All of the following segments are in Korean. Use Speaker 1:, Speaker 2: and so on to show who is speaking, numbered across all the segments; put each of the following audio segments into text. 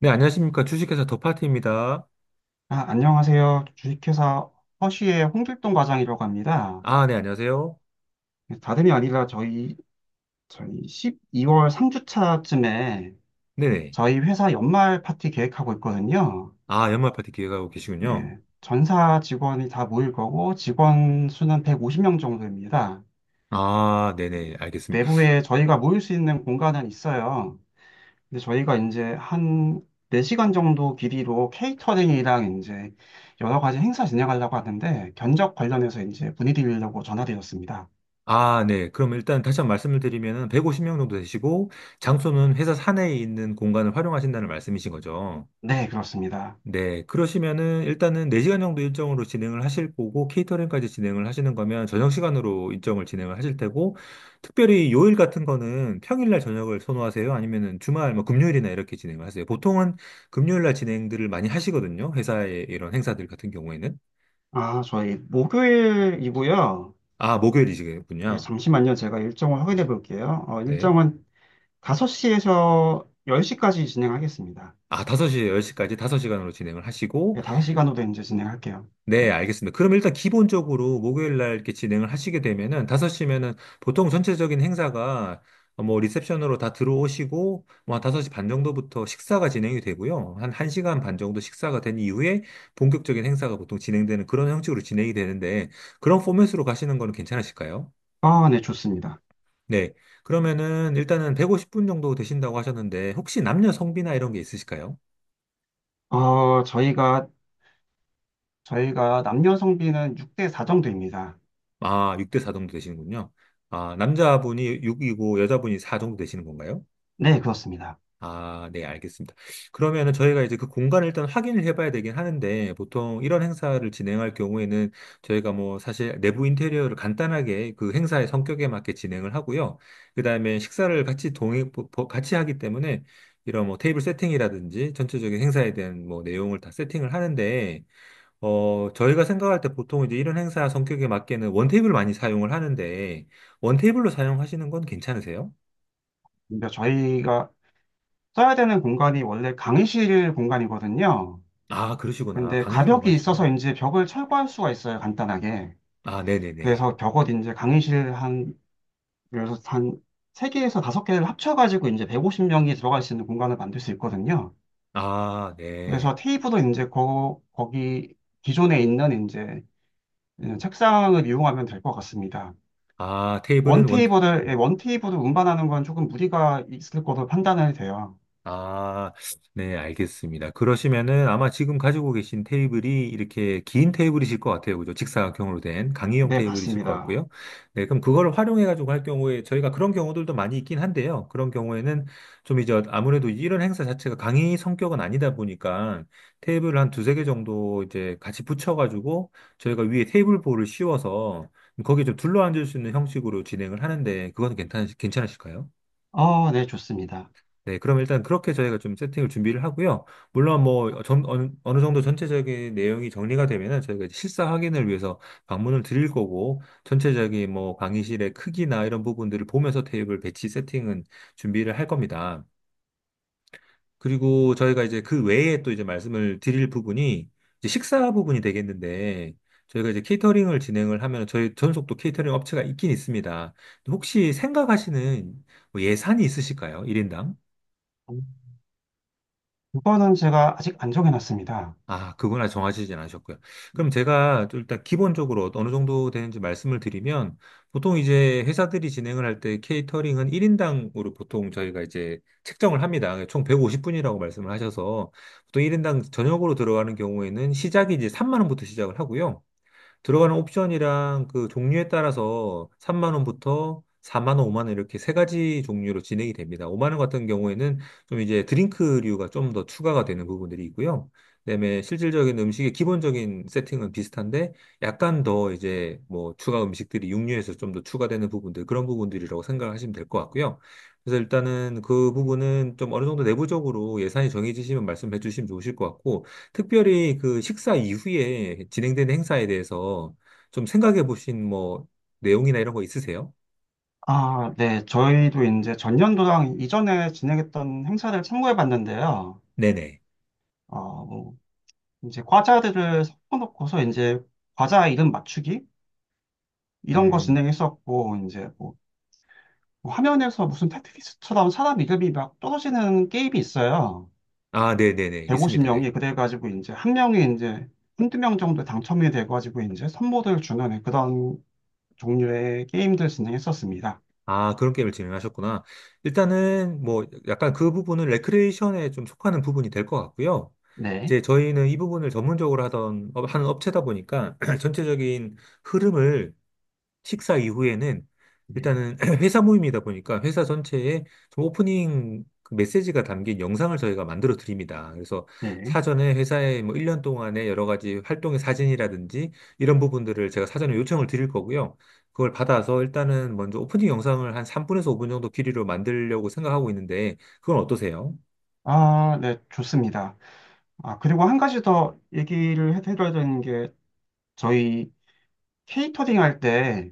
Speaker 1: 네, 안녕하십니까. 주식회사 더파티입니다.
Speaker 2: 아, 안녕하세요. 주식회사 허쉬의 홍길동 과장이라고 합니다.
Speaker 1: 아, 네, 안녕하세요.
Speaker 2: 네, 다름이 아니라 저희 12월 3주차쯤에
Speaker 1: 네네.
Speaker 2: 저희 회사 연말 파티 계획하고 있거든요.
Speaker 1: 아, 연말 파티 기획하고 계시군요.
Speaker 2: 예, 전사 직원이 다 모일 거고 직원 수는 150명 정도입니다.
Speaker 1: 아, 네네, 알겠습니다.
Speaker 2: 내부에 저희가 모일 수 있는 공간은 있어요. 근데 저희가 이제 한 4시간 정도 길이로 케이터링이랑 이제 여러 가지 행사 진행하려고 하는데 견적 관련해서 이제 문의드리려고 전화드렸습니다.
Speaker 1: 아, 네. 그럼 일단 다시 한번 말씀을 드리면은 150명 정도 되시고, 장소는 회사 사내에 있는 공간을 활용하신다는 말씀이신 거죠.
Speaker 2: 네, 그렇습니다.
Speaker 1: 네, 그러시면은 일단은 4시간 정도 일정으로 진행을 하실 거고, 케이터링까지 진행을 하시는 거면 저녁 시간으로 일정을 진행을 하실 테고, 특별히 요일 같은 거는 평일날 저녁을 선호하세요? 아니면은 주말, 뭐 금요일이나 이렇게 진행을 하세요? 보통은 금요일날 진행들을 많이 하시거든요. 회사의 이런 행사들 같은 경우에는.
Speaker 2: 아, 저희 목요일이고요.
Speaker 1: 아,
Speaker 2: 예,
Speaker 1: 목요일이시군요.
Speaker 2: 잠시만요. 제가 일정을 확인해 볼게요.
Speaker 1: 네.
Speaker 2: 일정은 5시에서 10시까지 진행하겠습니다.
Speaker 1: 아, 5시에 10시까지 5시간으로 진행을 하시고,
Speaker 2: 예, 5시간으로 이제 진행할게요.
Speaker 1: 네,
Speaker 2: 네.
Speaker 1: 알겠습니다. 그럼 일단 기본적으로 목요일 날 이렇게 진행을 하시게 되면은 5시면은 보통 전체적인 행사가 뭐 리셉션으로 다 들어오시고 뭐한 5시 반 정도부터 식사가 진행이 되고요. 한 1시간 반 정도 식사가 된 이후에 본격적인 행사가 보통 진행되는 그런 형식으로 진행이 되는데 그런 포맷으로 가시는 거는 괜찮으실까요?
Speaker 2: 아, 네, 좋습니다.
Speaker 1: 네. 그러면은 일단은 150분 정도 되신다고 하셨는데 혹시 남녀 성비나 이런 게 있으실까요?
Speaker 2: 어, 저희가, 저희가 남녀 성비는 6대 4 정도입니다.
Speaker 1: 아, 6대 4 정도 되시는군요. 아, 남자분이 6이고 여자분이 4 정도 되시는 건가요?
Speaker 2: 네, 그렇습니다.
Speaker 1: 아, 네, 알겠습니다. 그러면은 저희가 이제 그 공간을 일단 확인을 해봐야 되긴 하는데, 보통 이런 행사를 진행할 경우에는 저희가 뭐 사실 내부 인테리어를 간단하게 그 행사의 성격에 맞게 진행을 하고요. 그 다음에 식사를 같이 동행, 같이 하기 때문에 이런 뭐 테이블 세팅이라든지 전체적인 행사에 대한 뭐 내용을 다 세팅을 하는데, 어, 저희가 생각할 때 보통 이제 이런 행사 성격에 맞게는 원테이블 많이 사용을 하는데, 원테이블로 사용하시는 건 괜찮으세요?
Speaker 2: 근데 저희가 써야 되는 공간이 원래 강의실 공간이거든요.
Speaker 1: 아, 그러시구나.
Speaker 2: 근데
Speaker 1: 강의실
Speaker 2: 가벽이
Speaker 1: 공간이시구나.
Speaker 2: 있어서 이제 벽을 철거할 수가 있어요, 간단하게.
Speaker 1: 아, 네네네.
Speaker 2: 그래서 벽옷 이제 강의실 한 그래서 단 3개에서 5개를 합쳐가지고 이제 150명이 들어갈 수 있는 공간을 만들 수 있거든요.
Speaker 1: 아, 네.
Speaker 2: 그래서 테이블도 이제 거기 기존에 있는 이제 책상을 이용하면 될 것 같습니다.
Speaker 1: 아,
Speaker 2: 원
Speaker 1: 테이블은 원
Speaker 2: 테이블을, 예, 원 테이블을 운반하는 건 조금 무리가 있을 것으로 판단이 돼요.
Speaker 1: 아, 네, 알겠습니다. 그러시면은 아마 지금 가지고 계신 테이블이 이렇게 긴 테이블이실 것 같아요. 그죠? 직사각형으로 된 강의용
Speaker 2: 네,
Speaker 1: 테이블이실 것
Speaker 2: 맞습니다.
Speaker 1: 같고요. 네, 그럼 그걸 활용해가지고 할 경우에 저희가 그런 경우들도 많이 있긴 한데요. 그런 경우에는 좀 이제 아무래도 이런 행사 자체가 강의 성격은 아니다 보니까 테이블을 한 두세 개 정도 이제 같이 붙여가지고 저희가 위에 테이블보를 씌워서 거기에 좀 둘러앉을 수 있는 형식으로 진행을 하는데 그건 괜찮으실까요?
Speaker 2: 네, 좋습니다.
Speaker 1: 네, 그럼 일단 그렇게 저희가 좀 세팅을 준비를 하고요. 물론 뭐 어느 정도 전체적인 내용이 정리가 되면은 저희가 이제 실사 확인을 위해서 방문을 드릴 거고 전체적인 뭐 강의실의 크기나 이런 부분들을 보면서 테이블 배치 세팅은 준비를 할 겁니다. 그리고 저희가 이제 그 외에 또 이제 말씀을 드릴 부분이 이제 식사 부분이 되겠는데 저희가 이제 케이터링을 진행을 하면 저희 전속 도 케이터링 업체가 있긴 있습니다. 혹시 생각하시는 뭐 예산이 있으실까요? 일인당
Speaker 2: 그거는 제가 아직 안 정해놨습니다.
Speaker 1: 아, 그거나 정하시진 않으셨고요. 그럼 제가 좀 일단 기본적으로 어느 정도 되는지 말씀을 드리면, 보통 이제 회사들이 진행을 할 때 케이터링은 1인당으로 보통 저희가 이제 책정을 합니다. 그러니까 총 150분이라고 말씀을 하셔서, 보통 1인당 저녁으로 들어가는 경우에는 시작이 이제 3만 원부터 시작을 하고요. 들어가는 옵션이랑 그 종류에 따라서 3만 원부터 4만 원, 5만 원 이렇게 세 가지 종류로 진행이 됩니다. 5만 원 같은 경우에는 좀 이제 드링크류가 좀 더 추가가 되는 부분들이 있고요. 그다음에 실질적인 음식의 기본적인 세팅은 비슷한데 약간 더 이제 뭐 추가 음식들이 육류에서 좀 더 추가되는 부분들 그런 부분들이라고 생각하시면 될 것 같고요. 그래서 일단은 그 부분은 좀 어느 정도 내부적으로 예산이 정해지시면 말씀해 주시면 좋으실 것 같고 특별히 그 식사 이후에 진행되는 행사에 대해서 좀 생각해 보신 뭐 내용이나 이런 거 있으세요?
Speaker 2: 아, 네. 저희도 이제 전년도랑 이전에 진행했던 행사를 참고해 봤는데요.
Speaker 1: 네네.
Speaker 2: 이제 과자들을 섞어놓고서 이제 과자 이름 맞추기 이런 거
Speaker 1: 음.
Speaker 2: 진행했었고 이제 뭐 화면에서 무슨 테트리스처럼 사람 이름이 막 떨어지는 게임이 있어요.
Speaker 1: 아, 네네네. 있습니다. 네.
Speaker 2: 150명이 그래가지고 이제 한 명이 이제 한두 명 정도 당첨이 돼가지고 이제 선물을 주는 그런 종류의 게임들 진행했었습니다.
Speaker 1: 아, 그런 게임을 진행하셨구나. 일단은 뭐 약간 그 부분은 레크레이션에 좀 속하는 부분이 될 것 같고요.
Speaker 2: 네.
Speaker 1: 이제 저희는 이 부분을 전문적으로 하던, 하는 업체다 보니까 전체적인 흐름을 식사 이후에는
Speaker 2: 네.
Speaker 1: 일단은 회사 모임이다 보니까 회사 전체에 좀 오프닝 그 메시지가 담긴 영상을 저희가 만들어 드립니다. 그래서
Speaker 2: 네.
Speaker 1: 사전에 회사의 뭐 1년 동안의 여러 가지 활동의 사진이라든지 이런 부분들을 제가 사전에 요청을 드릴 거고요. 그걸 받아서 일단은 먼저 오프닝 영상을 한 3분에서 5분 정도 길이로 만들려고 생각하고 있는데 그건 어떠세요?
Speaker 2: 아, 네, 좋습니다. 아, 그리고 한 가지 더 얘기를 해드려야 되는 게 저희 케이터링 할때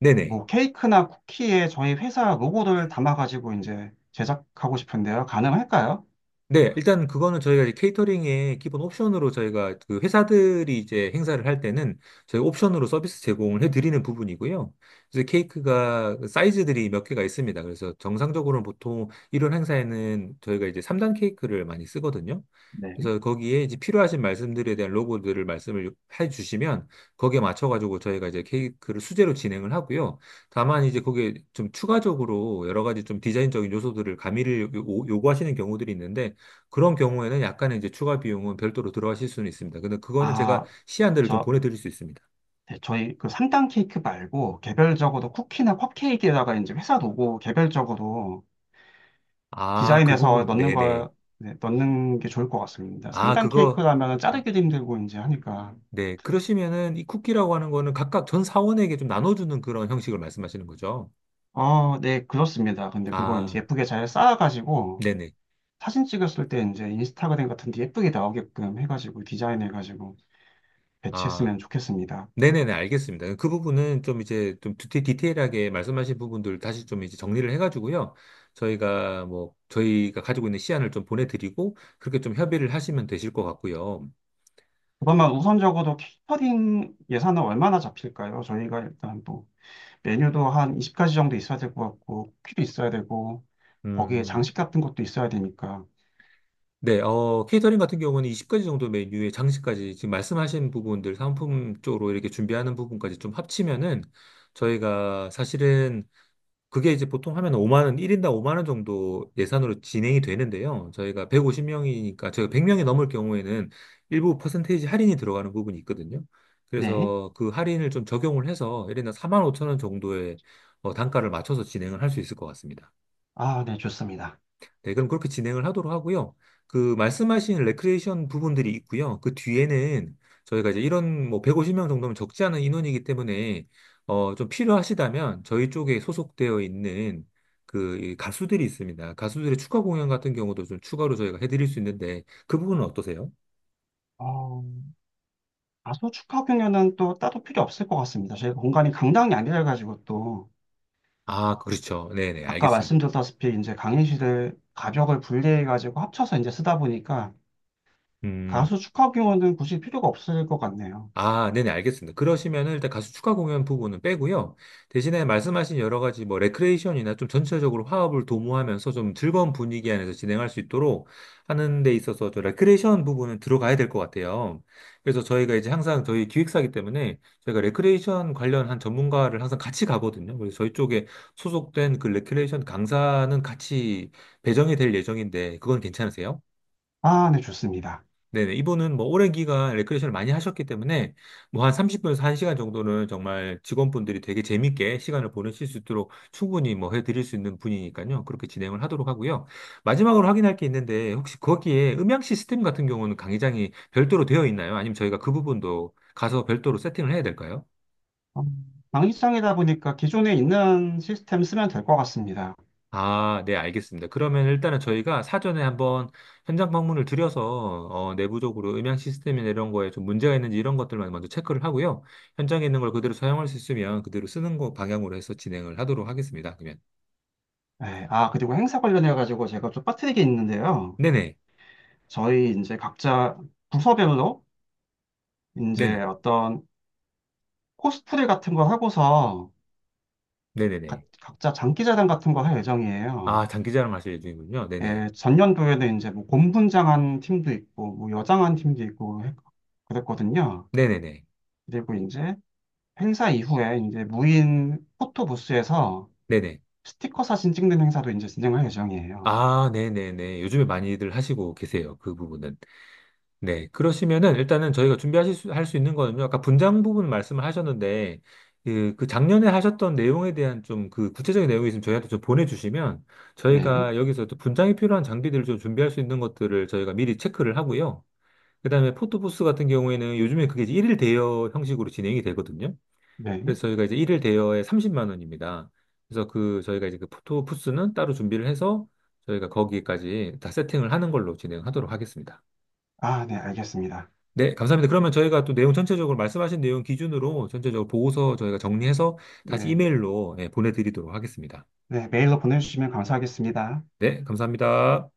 Speaker 1: 네네.
Speaker 2: 뭐 케이크나 쿠키에 저희 회사 로고를 담아가지고 이제 제작하고 싶은데요. 가능할까요?
Speaker 1: 네, 일단 그거는 저희가 이제 케이터링의 기본 옵션으로 저희가 그 회사들이 이제 행사를 할 때는 저희 옵션으로 서비스 제공을 해드리는 부분이고요. 그래서 케이크가 그 사이즈들이 몇 개가 있습니다. 그래서 정상적으로는 보통 이런 행사에는 저희가 이제 3단 케이크를 많이 쓰거든요.
Speaker 2: 네.
Speaker 1: 그래서 거기에 이제 필요하신 말씀들에 대한 로고들을 말씀을 해주시면 거기에 맞춰가지고 저희가 이제 케이크를 수제로 진행을 하고요. 다만 이제 거기에 좀 추가적으로 여러 가지 좀 디자인적인 요소들을 가미를 요구하시는 경우들이 있는데 그런 경우에는 약간의 이제 추가 비용은 별도로 들어가실 수는 있습니다. 근데 그거는 제가
Speaker 2: 아,
Speaker 1: 시안들을 좀
Speaker 2: 저,
Speaker 1: 보내드릴 수 있습니다.
Speaker 2: 네, 저희 그 3단 케이크 말고 개별적으로 쿠키나 컵케이크에다가 이제 회사 로고 개별적으로
Speaker 1: 아, 그
Speaker 2: 디자인해서
Speaker 1: 부분,
Speaker 2: 넣는
Speaker 1: 네네.
Speaker 2: 걸, 네, 넣는 게 좋을 것 같습니다.
Speaker 1: 아,
Speaker 2: 3단
Speaker 1: 그거,
Speaker 2: 케이크라면 자르기도 힘들고 이제 하니까.
Speaker 1: 네. 그러시면은 이 쿠키라고 하는 거는 각각 전 사원에게 좀 나눠주는 그런 형식을 말씀하시는 거죠.
Speaker 2: 네, 그렇습니다. 근데 그걸
Speaker 1: 아,
Speaker 2: 이제 예쁘게 잘 쌓아가지고
Speaker 1: 네네.
Speaker 2: 사진 찍었을 때 이제 인스타그램 같은 데 예쁘게 나오게끔 해가지고 디자인해가지고
Speaker 1: 아,
Speaker 2: 배치했으면 좋겠습니다.
Speaker 1: 네네네. 알겠습니다. 그 부분은 좀 이제 좀 디테일하게 말씀하신 부분들 다시 좀 이제 정리를 해가지고요. 저희가 저희가 가지고 있는 시안을 좀 보내드리고, 그렇게 좀 협의를 하시면 되실 것 같고요.
Speaker 2: 것만면 우선적으로 케이터링 예산은 얼마나 잡힐까요? 저희가 일단 뭐 메뉴도 한 20가지 정도 있어야 될 것 같고 쿠키도 있어야 되고 거기에
Speaker 1: 음.
Speaker 2: 장식 같은 것도 있어야 되니까.
Speaker 1: 네, 어, 케이터링 같은 경우는 20가지 정도 메뉴에 장식까지 지금 말씀하신 부분들 상품 쪽으로 이렇게 준비하는 부분까지 좀 합치면은 저희가 사실은 그게 이제 보통 하면 5만 원, 1인당 5만 원 정도 예산으로 진행이 되는데요. 저희가 150명이니까 저희가 100명이 넘을 경우에는 일부 퍼센테이지 할인이 들어가는 부분이 있거든요.
Speaker 2: 네.
Speaker 1: 그래서 그 할인을 좀 적용을 해서 1인당 4만 5천 원 정도의 어, 단가를 맞춰서 진행을 할 수 있을 것 같습니다.
Speaker 2: 아, 네, 좋습니다.
Speaker 1: 네, 그럼 그렇게 진행을 하도록 하고요. 그 말씀하신 레크레이션 부분들이 있고요. 그 뒤에는 저희가 이제 이런 뭐 150명 정도면 적지 않은 인원이기 때문에 어, 좀 필요하시다면 저희 쪽에 소속되어 있는 그이 가수들이 있습니다. 가수들의 축하 공연 같은 경우도 좀 추가로 저희가 해드릴 수 있는데 그 부분은 어떠세요?
Speaker 2: 어, 다소 축하 공연은 또 따로 필요 없을 것 같습니다. 저희가 공간이 강당이 아니라가지고 또
Speaker 1: 아, 그렇죠. 네네,
Speaker 2: 아까
Speaker 1: 알겠습니다.
Speaker 2: 말씀드렸다시피 이제 강의실을 가벽을 분리해가지고 합쳐서 이제 쓰다 보니까
Speaker 1: 음.
Speaker 2: 가수 축하 공연은 굳이 필요가 없을 것 같네요.
Speaker 1: 아, 네네, 알겠습니다. 그러시면은 일단 가수 추가 공연 부분은 빼고요. 대신에 말씀하신 여러 가지 뭐 레크레이션이나 좀 전체적으로 화합을 도모하면서 좀 즐거운 분위기 안에서 진행할 수 있도록 하는 데 있어서 저 레크레이션 부분은 들어가야 될 것 같아요. 그래서 저희가 이제 항상 저희 기획사이기 때문에 저희가 레크레이션 관련한 전문가를 항상 같이 가거든요. 그래서 저희 쪽에 소속된 그 레크레이션 강사는 같이 배정이 될 예정인데 그건 괜찮으세요?
Speaker 2: 아, 네, 좋습니다.
Speaker 1: 네네. 이분은 뭐 오랜 기간 레크레이션을 많이 하셨기 때문에 뭐 한 30분에서 1시간 정도는 정말 직원분들이 되게 재밌게 시간을 보내실 수 있도록 충분히 뭐 해드릴 수 있는 분이니까요. 그렇게 진행을 하도록 하고요. 마지막으로 확인할 게 있는데 혹시 거기에 음향 시스템 같은 경우는 강의장이 별도로 되어 있나요? 아니면 저희가 그 부분도 가서 별도로 세팅을 해야 될까요?
Speaker 2: 어, 방위성이다 보니까 기존에 있는 시스템 쓰면 될 것 같습니다.
Speaker 1: 아, 네, 알겠습니다. 그러면 일단은 저희가 사전에 한번 현장 방문을 드려서 어, 내부적으로 음향 시스템이나 이런 거에 좀 문제가 있는지 이런 것들만 먼저 체크를 하고요. 현장에 있는 걸 그대로 사용할 수 있으면 그대로 쓰는 거 방향으로 해서 진행을 하도록 하겠습니다. 그러면
Speaker 2: 네, 아, 그리고 행사 관련해가지고 제가 좀 빠뜨리게 있는데요.
Speaker 1: 네네,
Speaker 2: 저희 이제 각자 부서별로 이제
Speaker 1: 네네,
Speaker 2: 어떤 코스프레 같은 거 하고서
Speaker 1: 네네네.
Speaker 2: 각자 장기자랑 같은 거 할
Speaker 1: 아,
Speaker 2: 예정이에요.
Speaker 1: 장기자랑 하실 예정이군요. 네네,
Speaker 2: 예, 전년도에는 이제 뭐 곰분장한 팀도 있고, 뭐 여장한 팀도 있고 그랬거든요.
Speaker 1: 네네네,
Speaker 2: 그리고 이제 행사 이후에 이제 무인 포토 부스에서
Speaker 1: 네네.
Speaker 2: 스티커 사진 찍는 행사도 이제 진행할 예정이에요.
Speaker 1: 아, 네네네. 요즘에 많이들 하시고 계세요. 그 부분은. 네, 그러시면은 일단은 저희가 할 수 있는 거는요. 아까 분장 부분 말씀을 하셨는데 그 작년에 하셨던 내용에 대한 좀 그 구체적인 내용이 있으면 저희한테 좀 보내주시면
Speaker 2: 네,
Speaker 1: 저희가 여기서 또 분장이 필요한 장비들을 좀 준비할 수 있는 것들을 저희가 미리 체크를 하고요. 그다음에 포토부스 같은 경우에는 요즘에 그게 이제 1일 대여 형식으로 진행이 되거든요.
Speaker 2: 네.
Speaker 1: 그래서 저희가 이제 1일 대여에 30만 원입니다. 그래서 그 저희가 이제 그 포토부스는 따로 준비를 해서 저희가 거기까지 다 세팅을 하는 걸로 진행하도록 하겠습니다.
Speaker 2: 아, 네, 알겠습니다.
Speaker 1: 네, 감사합니다. 그러면 저희가 또 내용 전체적으로 말씀하신 내용 기준으로 전체적으로 보고서 저희가 정리해서 다시
Speaker 2: 네,
Speaker 1: 이메일로 예, 보내드리도록 하겠습니다.
Speaker 2: 네, 메일로 보내주시면 감사하겠습니다.
Speaker 1: 네, 감사합니다.